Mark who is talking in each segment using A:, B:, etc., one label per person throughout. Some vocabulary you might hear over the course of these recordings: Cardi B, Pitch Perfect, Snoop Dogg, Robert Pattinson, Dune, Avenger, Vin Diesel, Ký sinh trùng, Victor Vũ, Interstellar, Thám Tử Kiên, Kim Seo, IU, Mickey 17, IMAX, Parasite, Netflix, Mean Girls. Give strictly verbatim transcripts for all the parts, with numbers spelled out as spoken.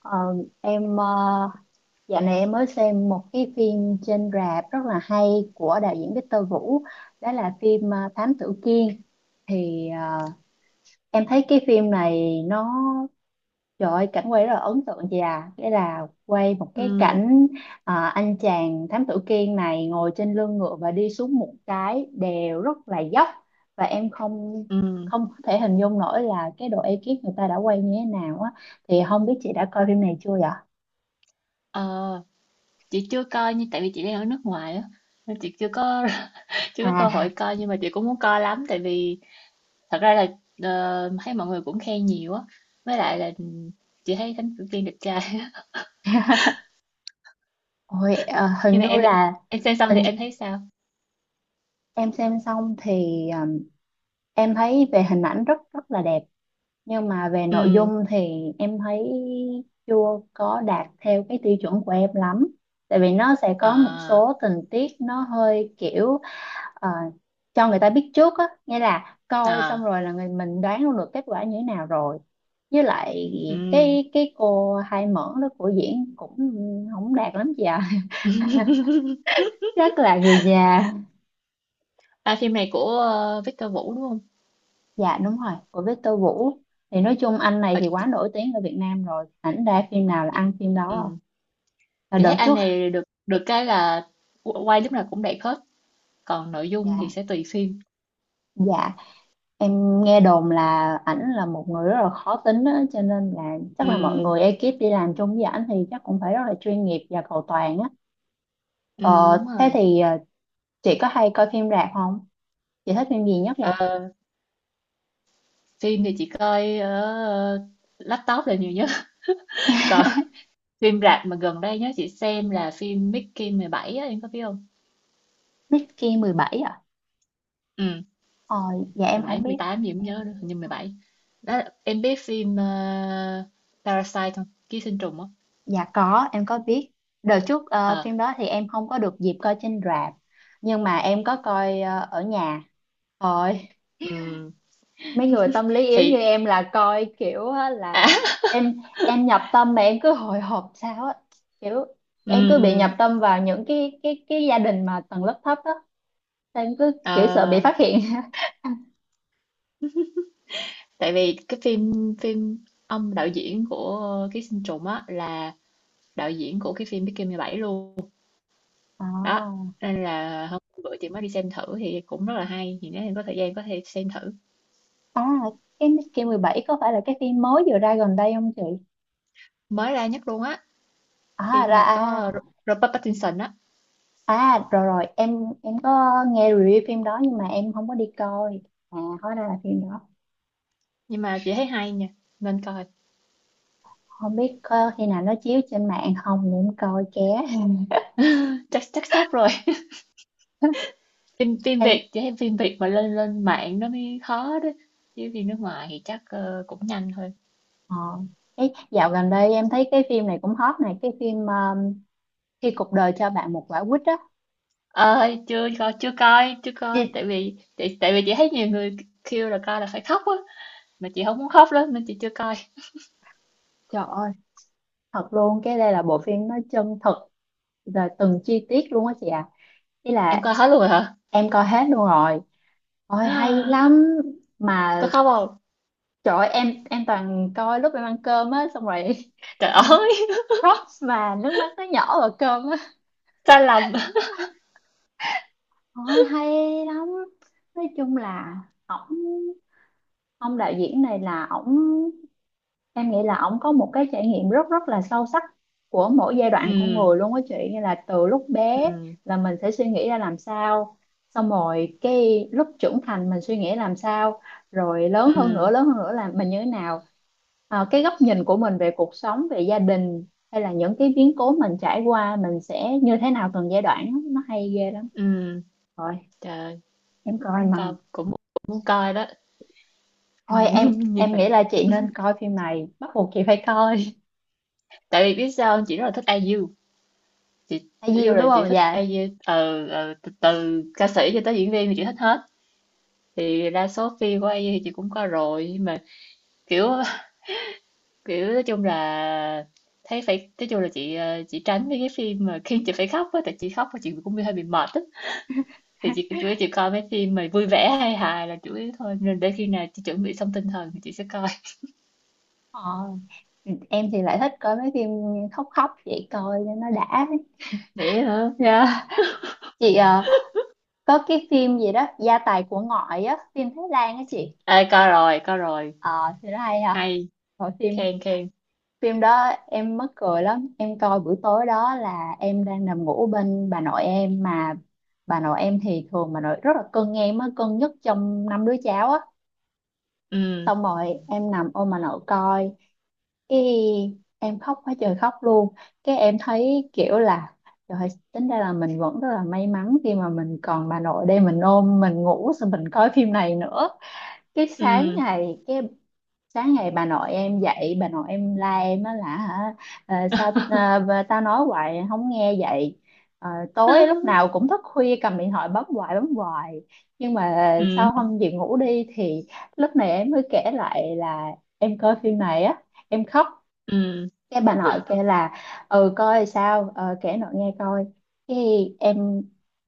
A: Ờ, em ờ, dạo này em mới xem một cái phim trên rạp rất là hay của đạo diễn Victor Vũ. Đó là phim ờ, Thám Tử Kiên. Thì ờ, em thấy cái phim này nó, trời ơi, cảnh quay rất là ấn tượng chị à, nghĩa là quay một cái
B: Ừ,
A: cảnh ờ, anh chàng Thám Tử Kiên này ngồi trên lưng ngựa và đi xuống một cái đèo rất là dốc. Và em không
B: ừ.
A: không có thể hình dung nổi là cái độ ekip người ta đã quay như thế nào á. Thì không biết chị đã coi phim này chưa vậy?
B: Ờ, chị chưa coi nhưng tại vì chị đang ở nước ngoài á, nên chị chưa có chưa có cơ
A: À.
B: hội coi, nhưng mà chị cũng muốn coi lắm. Tại vì thật ra là ờ, thấy mọi người cũng khen nhiều á, với lại là chị thấy Thánh Tử Kiên đẹp trai á.
A: Ôi, ờ, hình
B: nhưng mà
A: như
B: em
A: là
B: em xem xong thì
A: hình,
B: em thấy sao?
A: em xem xong thì ờm, em thấy về hình ảnh rất rất là đẹp, nhưng mà về nội
B: Ừ,
A: dung thì em thấy chưa có đạt theo cái tiêu chuẩn của em lắm. Tại vì nó sẽ có một
B: à,
A: số tình tiết nó hơi kiểu ờ, cho người ta biết trước á, nghĩa là coi xong
B: à,
A: rồi là người mình đoán luôn được kết quả như thế nào rồi. Với lại
B: ừ.
A: cái cái cô hai mẫn đó của diễn cũng không đạt lắm chị ạ. Rất là người già.
B: À, phim này của ờ, Victor Vũ đúng không?
A: Dạ đúng rồi, của Victor Vũ. Thì nói chung anh này
B: Ờ,
A: thì quá
B: chị,
A: nổi tiếng ở Việt Nam rồi. Ảnh ra phim nào là
B: chị,
A: ăn phim đó.
B: ừ.
A: Là
B: chị thấy
A: đợt
B: anh
A: trước,
B: này được được cái là qu- quay lúc nào cũng đẹp hết, còn nội dung thì
A: dạ,
B: sẽ tùy phim.
A: dạ. Em nghe đồn là ảnh là một người rất là khó tính á, cho nên là chắc là mọi
B: Ừ
A: người ekip đi làm chung với ảnh thì chắc cũng phải rất là chuyên nghiệp và cầu toàn á.
B: Ừ,
A: Ờ,
B: đúng
A: thế
B: rồi.
A: thì ờ, chị có hay coi phim rạp không? Chị thích phim gì nhất vậy?
B: Ờ, phim thì chị coi ở ờ, laptop là nhiều nhất. Còn phim rạp mà gần đây nhớ chị xem là phim Mickey mười bảy á, em có biết không?
A: Mickey mười bảy à?
B: Ừ,
A: Ờ, dạ em
B: mười
A: không
B: bảy mười
A: biết.
B: tám gì cũng nhớ nữa, hình như mười bảy. Đó, là- em biết phim ờ, Parasite không? Ký sinh trùng á.
A: Dạ có, em có biết. Đợt trước ờ,
B: Ờ,
A: phim đó thì em không có được dịp coi trên rạp, nhưng mà em có coi ờ, ở nhà. Rồi,
B: ừ.
A: mấy người tâm lý yếu như
B: Thì,
A: em là coi kiểu á là
B: à,
A: em em nhập tâm mà em cứ hồi hộp sao á, kiểu em
B: ừ,
A: cứ bị nhập
B: ừ.
A: tâm vào những cái cái cái gia đình mà tầng lớp thấp á, em cứ kiểu sợ bị
B: Ờ,
A: phát hiện.
B: tại vì cái phim, phim ông đạo diễn của Ký sinh trùng á là đạo diễn của cái phim Mickey mười bảy luôn. Đó,
A: À,
B: nên là hôm bữa chị mới đi xem thử thì cũng rất là hay, thì nếu em có thời gian có thể xem thử.
A: à cái Miss mười bảy có phải là cái phim mới vừa ra gần đây không chị?
B: Mới ra nhất luôn á.
A: À
B: Phim
A: ra
B: mà có
A: à.
B: Ro- Robert Pattinson á.
A: À rồi rồi em em có nghe review phim đó nhưng mà em không có đi coi. À hóa ra là phim đó.
B: Nhưng mà chị thấy hay nha, nên coi.
A: Không biết có khi nào nó chiếu trên mạng không để em coi ké.
B: Chắc Chắc sắp rồi. phim Phim
A: Ê,
B: Việt, chị thấy phim Việt mà lên lên mạng nó mới khó đó, chứ phim nước ngoài thì chắc ờ, cũng nhanh thôi.
A: ờ, ấy, dạo gần đây em thấy cái phim này cũng hot này, cái phim um, khi cuộc đời cho bạn một quả quýt á.
B: Ờ, chưa coi chưa coi chưa coi,
A: Chị-
B: tại vì tại, tại vì chị thấy nhiều người kêu là coi là phải khóc á, mà chị không muốn khóc lắm nên chị chưa coi.
A: trời ơi, thật luôn, cái đây là bộ phim nó chân thực rồi từng chi tiết luôn á chị ạ. Ý
B: Em
A: là
B: coi hết luôn rồi hả?
A: em coi hết luôn rồi, ôi hay lắm
B: Có
A: mà.
B: khóc không?
A: Trời ơi, em em toàn coi lúc em ăn cơm á xong rồi
B: Trời ơi.
A: props mà nước mắt nó nhỏ vào cơm á.
B: Sai lầm.
A: Ôi hay lắm. Nói chung là ổng ông đạo diễn này là ổng, em nghĩ là ổng có một cái trải nghiệm rất rất là sâu sắc của mỗi giai đoạn con
B: Ừ,
A: người luôn á chị, như là từ lúc bé
B: ừ,
A: là mình sẽ suy nghĩ ra làm sao, xong rồi cái lúc trưởng thành mình suy nghĩ làm sao, rồi lớn hơn
B: ừ,
A: nữa lớn hơn nữa là mình như thế nào. Ờ, cái góc nhìn của mình về cuộc sống, về gia đình hay là những cái biến cố mình trải qua mình sẽ như thế nào từng giai đoạn á, nó hay ghê lắm.
B: ừ.
A: Rồi
B: Trời,
A: em coi
B: muốn
A: mà
B: coi, cũng muốn coi đó. Ừ,
A: thôi, em
B: như
A: em
B: vậy.
A: nghĩ là chị nên coi phim này, bắt buộc chị phải coi.
B: Tại vì biết sao không? Chị rất là thích i u. Chị
A: Hay gì
B: vô là
A: đúng
B: chị
A: không
B: thích
A: dạ.
B: i u ờ, ờ, từ, từ ca sĩ cho tới diễn viên thì chị thích hết. Thì đa số phim của i u thì chị cũng coi rồi, nhưng mà kiểu kiểu nói chung là thấy phải nói chung là chị ờ, chị tránh mấy cái phim mà khi chị phải khóc á, tại chị khóc và chị cũng hơi bị mệt á. Thì chị chủ yếu chị coi mấy phim mà vui vẻ hay hài là chủ yếu thôi, nên để khi nào chị chuẩn bị xong tinh thần thì chị sẽ coi.
A: Ờ. Ừ, em thì lại thích coi mấy phim khóc khóc vậy coi cho nó đã.
B: Vậy hả?
A: Dạ. Chị ờ, có cái phim gì đó gia tài của ngoại á, phim Thái Lan á chị,
B: Ê, coi rồi, coi rồi.
A: ờ thì nó hay à.
B: Hay,
A: Rồi phim,
B: khen, khen.
A: phim đó em mắc cười lắm, em coi buổi tối, đó là em đang nằm ngủ bên bà nội em mà bà nội em thì thường bà nội rất là cưng em á, cưng nhất trong năm đứa cháu á,
B: Ừ,
A: xong rồi em nằm ôm bà nội coi. Ý, em khóc quá trời khóc luôn. Cái em thấy kiểu là trời ơi, tính ra là mình vẫn rất là may mắn khi mà mình còn bà nội đây mình ôm mình ngủ xong mình coi phim này nữa. Cái sáng
B: ừ.
A: ngày cái sáng ngày bà nội em dậy, bà nội em la em á là hả, ờ, sao ờ, bà- tao nói hoài không nghe vậy. Ờ, tối lúc nào cũng thức khuya cầm điện thoại bấm hoài bấm hoài, nhưng mà
B: Ừ,
A: sau hôm về ngủ đi thì lúc này em mới kể lại là em coi phim này á, em khóc.
B: ừ.
A: Cái bà nội kêu là ừ coi sao ờ, kể nội nghe coi. cái em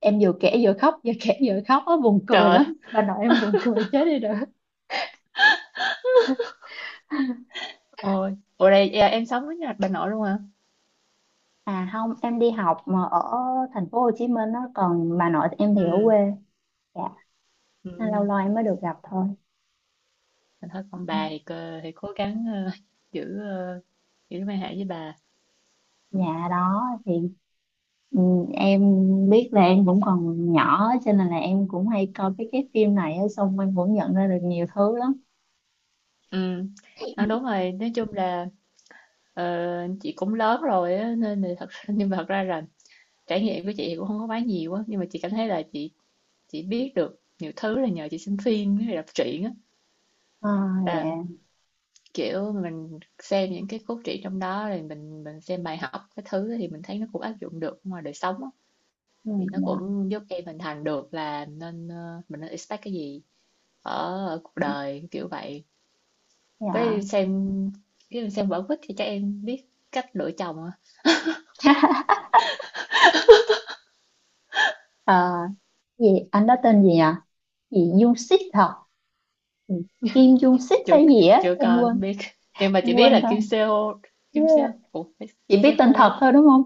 A: em vừa kể vừa khóc vừa kể vừa khóc á, buồn cười
B: Trời
A: lắm, bà nội em buồn cười chết đi được.
B: ơi. Ủa đây, à, em sống với nhà bà nội luôn hả?
A: À không em đi học mà ở thành phố Hồ Chí Minh á, còn bà nội em thì ở
B: Ừ,
A: quê. Dạ, nên lâu
B: ừ.
A: lâu em mới được gặp thôi.
B: Mình thấy
A: Ờ,
B: con bà thì, cơ- thì cố gắng ờ, giữ ờ, giữ mối hệ với bà.
A: nhà đó thì ừ, em biết là em cũng còn nhỏ cho nên là em cũng hay coi cái cái phim này á, xong em cũng nhận ra được nhiều thứ lắm.
B: Ừ. Nói đúng rồi, nói chung là ờ, chị cũng lớn rồi á, nên là thật nhưng mà thật ra là trải nghiệm của chị thì cũng không có quá nhiều á, nhưng mà chị cảm thấy là chị chị biết được nhiều thứ là nhờ chị xem phim với đọc truyện
A: À.
B: á.
A: Dạ.
B: Kiểu, mình xem những cái cốt truyện trong đó rồi mình mình xem bài học cái thứ thì mình thấy nó cũng áp dụng được ngoài đời sống á.
A: Ừ,
B: Thì nó cũng giúp em hình thành được là nên, ờ, mình nên expect cái gì ở, ở cuộc đời, kiểu vậy. Với
A: dạ.
B: xem cái mình xem vở quýt thì chắc em biết cách lựa chồng à?
A: Dạ. Ờ, gì anh đó tên gì nhỉ, gì Dung Sít hả. Ừ, Kim Dung Sít
B: Chưa
A: hay gì á
B: Chưa
A: em
B: coi không
A: quên,
B: biết. Nhưng mà
A: em
B: chỉ biết
A: quên
B: là
A: tên.
B: Kim Seo Kim
A: Yeah.
B: Seo. Ủa, phải
A: Chỉ biết tên
B: Seo
A: thật
B: đúng.
A: thôi đúng không.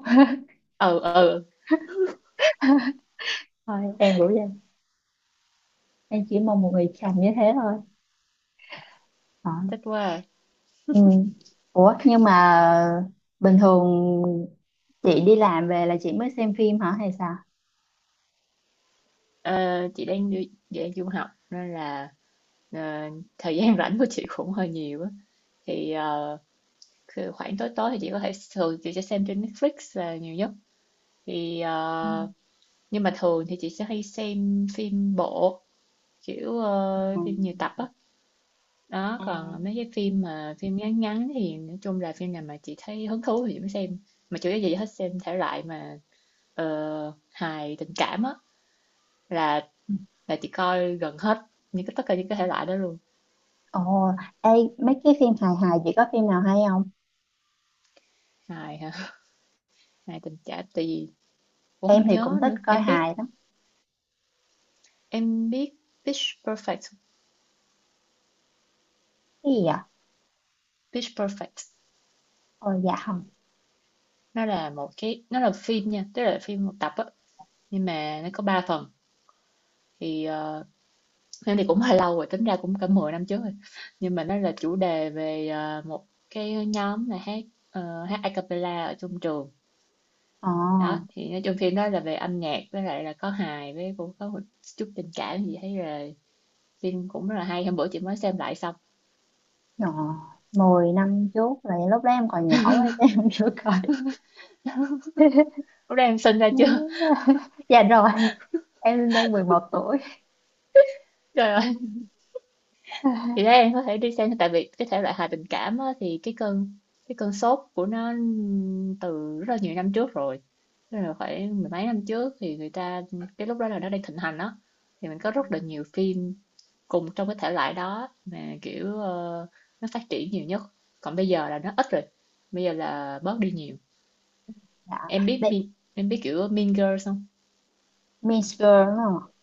B: Ừ ừ, ừ,
A: Thôi em cũng vậy, em chỉ mong một người chồng như thế thôi. Ờ,
B: thích quá. À.
A: ừ. Ủa nhưng mà bình thường chị đi làm về là chị mới xem phim hả hay sao?
B: Ờ, chị đang đi- chị đang du học nên là ờ, thời gian rảnh của chị cũng hơi nhiều á, thì ờ, cứ khoảng tối tối thì chị có thể thường chị sẽ xem trên Netflix là nhiều nhất. thì
A: Ừ.
B: ờ, nhưng mà thường thì chị sẽ hay xem phim bộ, kiểu
A: Ừ.
B: ờ, phim nhiều tập á. Đó,
A: À.
B: còn mấy cái phim mà phim ngắn ngắn thì nói chung là phim nào mà chị thấy hứng thú thì chị mới xem, mà chủ yếu gì hết xem thể loại mà ờ, hài tình cảm á, là là chị coi gần hết những cái tất cả những cái thể loại đó luôn.
A: Ồ, ê, mấy cái phim hài hài chị có phim nào hay không?
B: Hài hả? Hài tình cảm, tại vì cũng không
A: Em thì cũng
B: nhớ
A: thích
B: nữa.
A: coi
B: Em biết,
A: hài lắm.
B: em biết Pitch Perfect?
A: Cái gì vậy?
B: Pitch Perfect
A: Ồ dạ.
B: nó là một cái, nó là phim nha, tức là phim một tập á, nhưng mà nó có ba phần. Thì ờ, phim thì cũng hơi lâu rồi, tính ra cũng cả mười năm trước rồi, nhưng mà nó là chủ đề về ờ, một cái nhóm là hát ờ, hát a cappella ở trong trường.
A: Ờ,
B: Đó, thì nói chung phim đó là về âm nhạc với lại là có hài với cũng có một chút tình cảm gì, thấy là phim cũng rất là hay, hôm bữa chị mới xem lại xong.
A: ờ, mười năm trước là lúc đó em còn nhỏ quá chứ em chưa coi.
B: Lúc đó em sinh ra chưa?
A: Dạ rồi, em đang mười một tuổi.
B: Trời ơi. Thì thế em có thể đi xem, tại vì cái thể loại hài tình cảm á, thì cái cơn cái cơn sốt của nó từ rất là nhiều năm trước rồi, tức là phải mười mấy năm trước thì người ta, cái lúc đó là nó đang thịnh hành á, thì mình
A: Ừ.
B: có rất là nhiều phim cùng trong cái thể loại đó mà kiểu ờ, nó phát triển nhiều nhất, còn bây giờ là nó ít rồi, bây giờ là bớt đi nhiều.
A: Dạ,
B: Em biết
A: Be-
B: Mean- em biết kiểu Mean Girls không?
A: Mean Girls đúng không?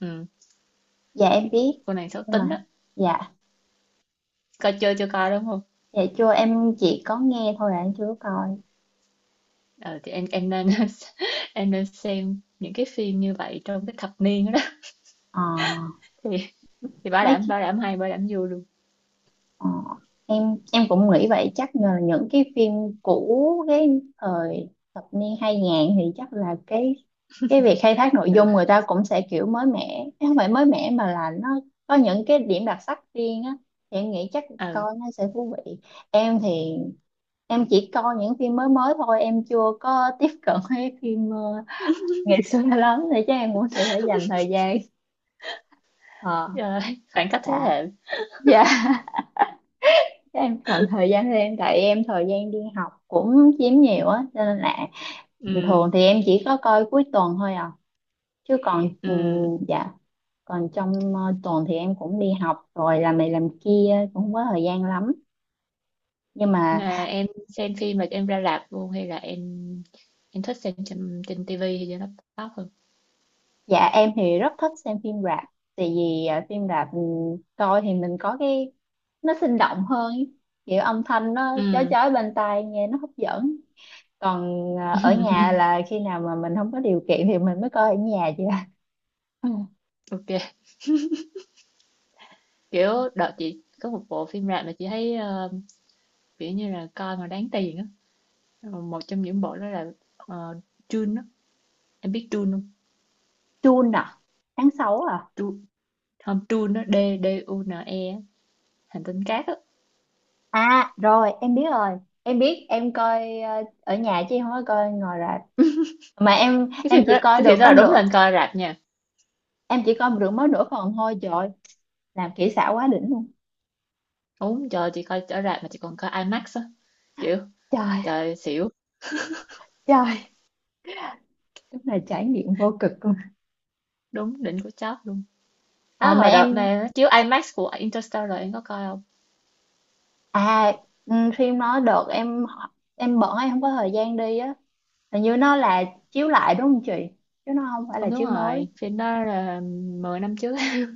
B: Ừ,
A: Dạ em biết,
B: cô nàng xấu
A: nhưng
B: tính
A: mà
B: á.
A: dạ,
B: Coi chơi chưa coi đúng không?
A: dạ chưa, em chỉ có nghe thôi à, em chưa có coi.
B: Ờ, thì em em nên em nên xem những cái phim như vậy trong cái thập niên đó.
A: Ờ,
B: Đó. Thì thì bảo
A: mấy,
B: đảm bảo đảm hay, bảo đảm vui luôn.
A: Ờ, em em cũng nghĩ vậy, chắc là những cái phim cũ cái thời thập niên hai ngàn thì chắc là cái cái việc khai thác nội
B: Rồi.
A: dung người ta cũng sẽ kiểu mới mẻ, không phải mới mẻ mà là nó có những cái điểm đặc sắc riêng á, thì em nghĩ chắc
B: Ờ,
A: coi nó sẽ thú vị. Em thì em chỉ coi những phim mới mới thôi, em chưa có tiếp cận với phim ờ, ngày xưa lắm, thì chắc em cũng sẽ phải dành thời gian. Ờ,
B: rồi, khoảng cách thế
A: dạ,
B: hệ.
A: dạ, em cần thời gian thêm tại em thời gian đi học cũng chiếm nhiều á, cho nên là bình thường
B: Ừ,
A: thì em chỉ có coi cuối tuần thôi à, chứ còn ừ,
B: ừ.
A: dạ, còn trong ờ, tuần thì em cũng đi học rồi làm này làm kia cũng không có thời gian lắm, nhưng mà
B: Mà em xem phim là em ra rạp luôn, hay là em em thích xem trên trên tivi hay trên laptop hơn?
A: dạ em thì rất thích xem phim rạp, tại vì ờ, phim rạp ừ, coi thì mình có cái, nó sinh động hơn ý. Kiểu âm thanh nó chói
B: Ừ.
A: chói bên tai nghe nó hấp dẫn, còn ờ, ở nhà là khi nào mà mình không có điều kiện thì mình mới coi ở nhà chứ.
B: Ok, kiểu đợt chị có một bộ phim rạp mà chị thấy ờ, kiểu như là coi mà đáng tiền á. Ờ, một trong những bộ đó là uh, Dune á. Em biết Dune
A: June à, tháng sáu à?
B: không? Không, Dune nó D D U N E á, hành tinh cát á.
A: À rồi em biết rồi, em biết, em coi ờ, ở nhà chứ em không có coi ngoài rạp, mà em
B: Cái
A: em
B: phim
A: chỉ
B: đó
A: coi
B: cái phim
A: được
B: đó
A: có
B: là đúng
A: nửa,
B: lên coi rạp nha.
A: em chỉ coi được mới nửa phần thôi. Trời ơi, làm kỹ xảo quá đỉnh luôn.
B: Đúng, trời, chị coi ở rạp mà chị còn coi IMAX á, kiểu
A: Trời.
B: trời xỉu.
A: Trời, đúng là trải nghiệm vô cực luôn.
B: Đúng, đỉnh của chót luôn. Á,
A: ờ, mà
B: hồi
A: em
B: đợt này nó chiếu IMAX của Interstellar, em có coi không?
A: à, ừ, phim nó đợt em em bận em không có thời gian đi á. Hình như nó là chiếu lại đúng không chị, chứ nó không phải là
B: Không đúng
A: chiếu mới.
B: rồi, phim đó là mười năm trước.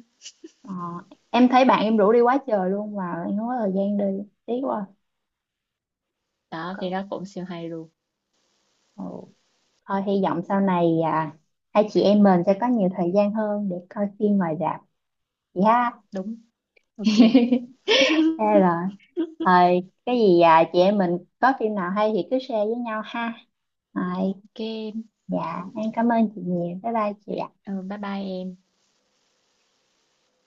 A: ờ, em thấy bạn em rủ đi quá trời luôn mà em không có thời gian đi, tiếc quá.
B: Đó, phim đó cũng siêu hay luôn.
A: Ừ. Thôi hy vọng sau này à, hai chị em mình sẽ có nhiều thời gian hơn để coi phim ngoài rạp chị ha.
B: Đúng. Ok,
A: Thế rồi. Thôi cái gì à, chị em mình có phim nào hay thì cứ share với nhau ha. Rồi,
B: ok.
A: dạ em cảm ơn chị nhiều. Bye bye chị ạ.
B: Ừ, bye bye em.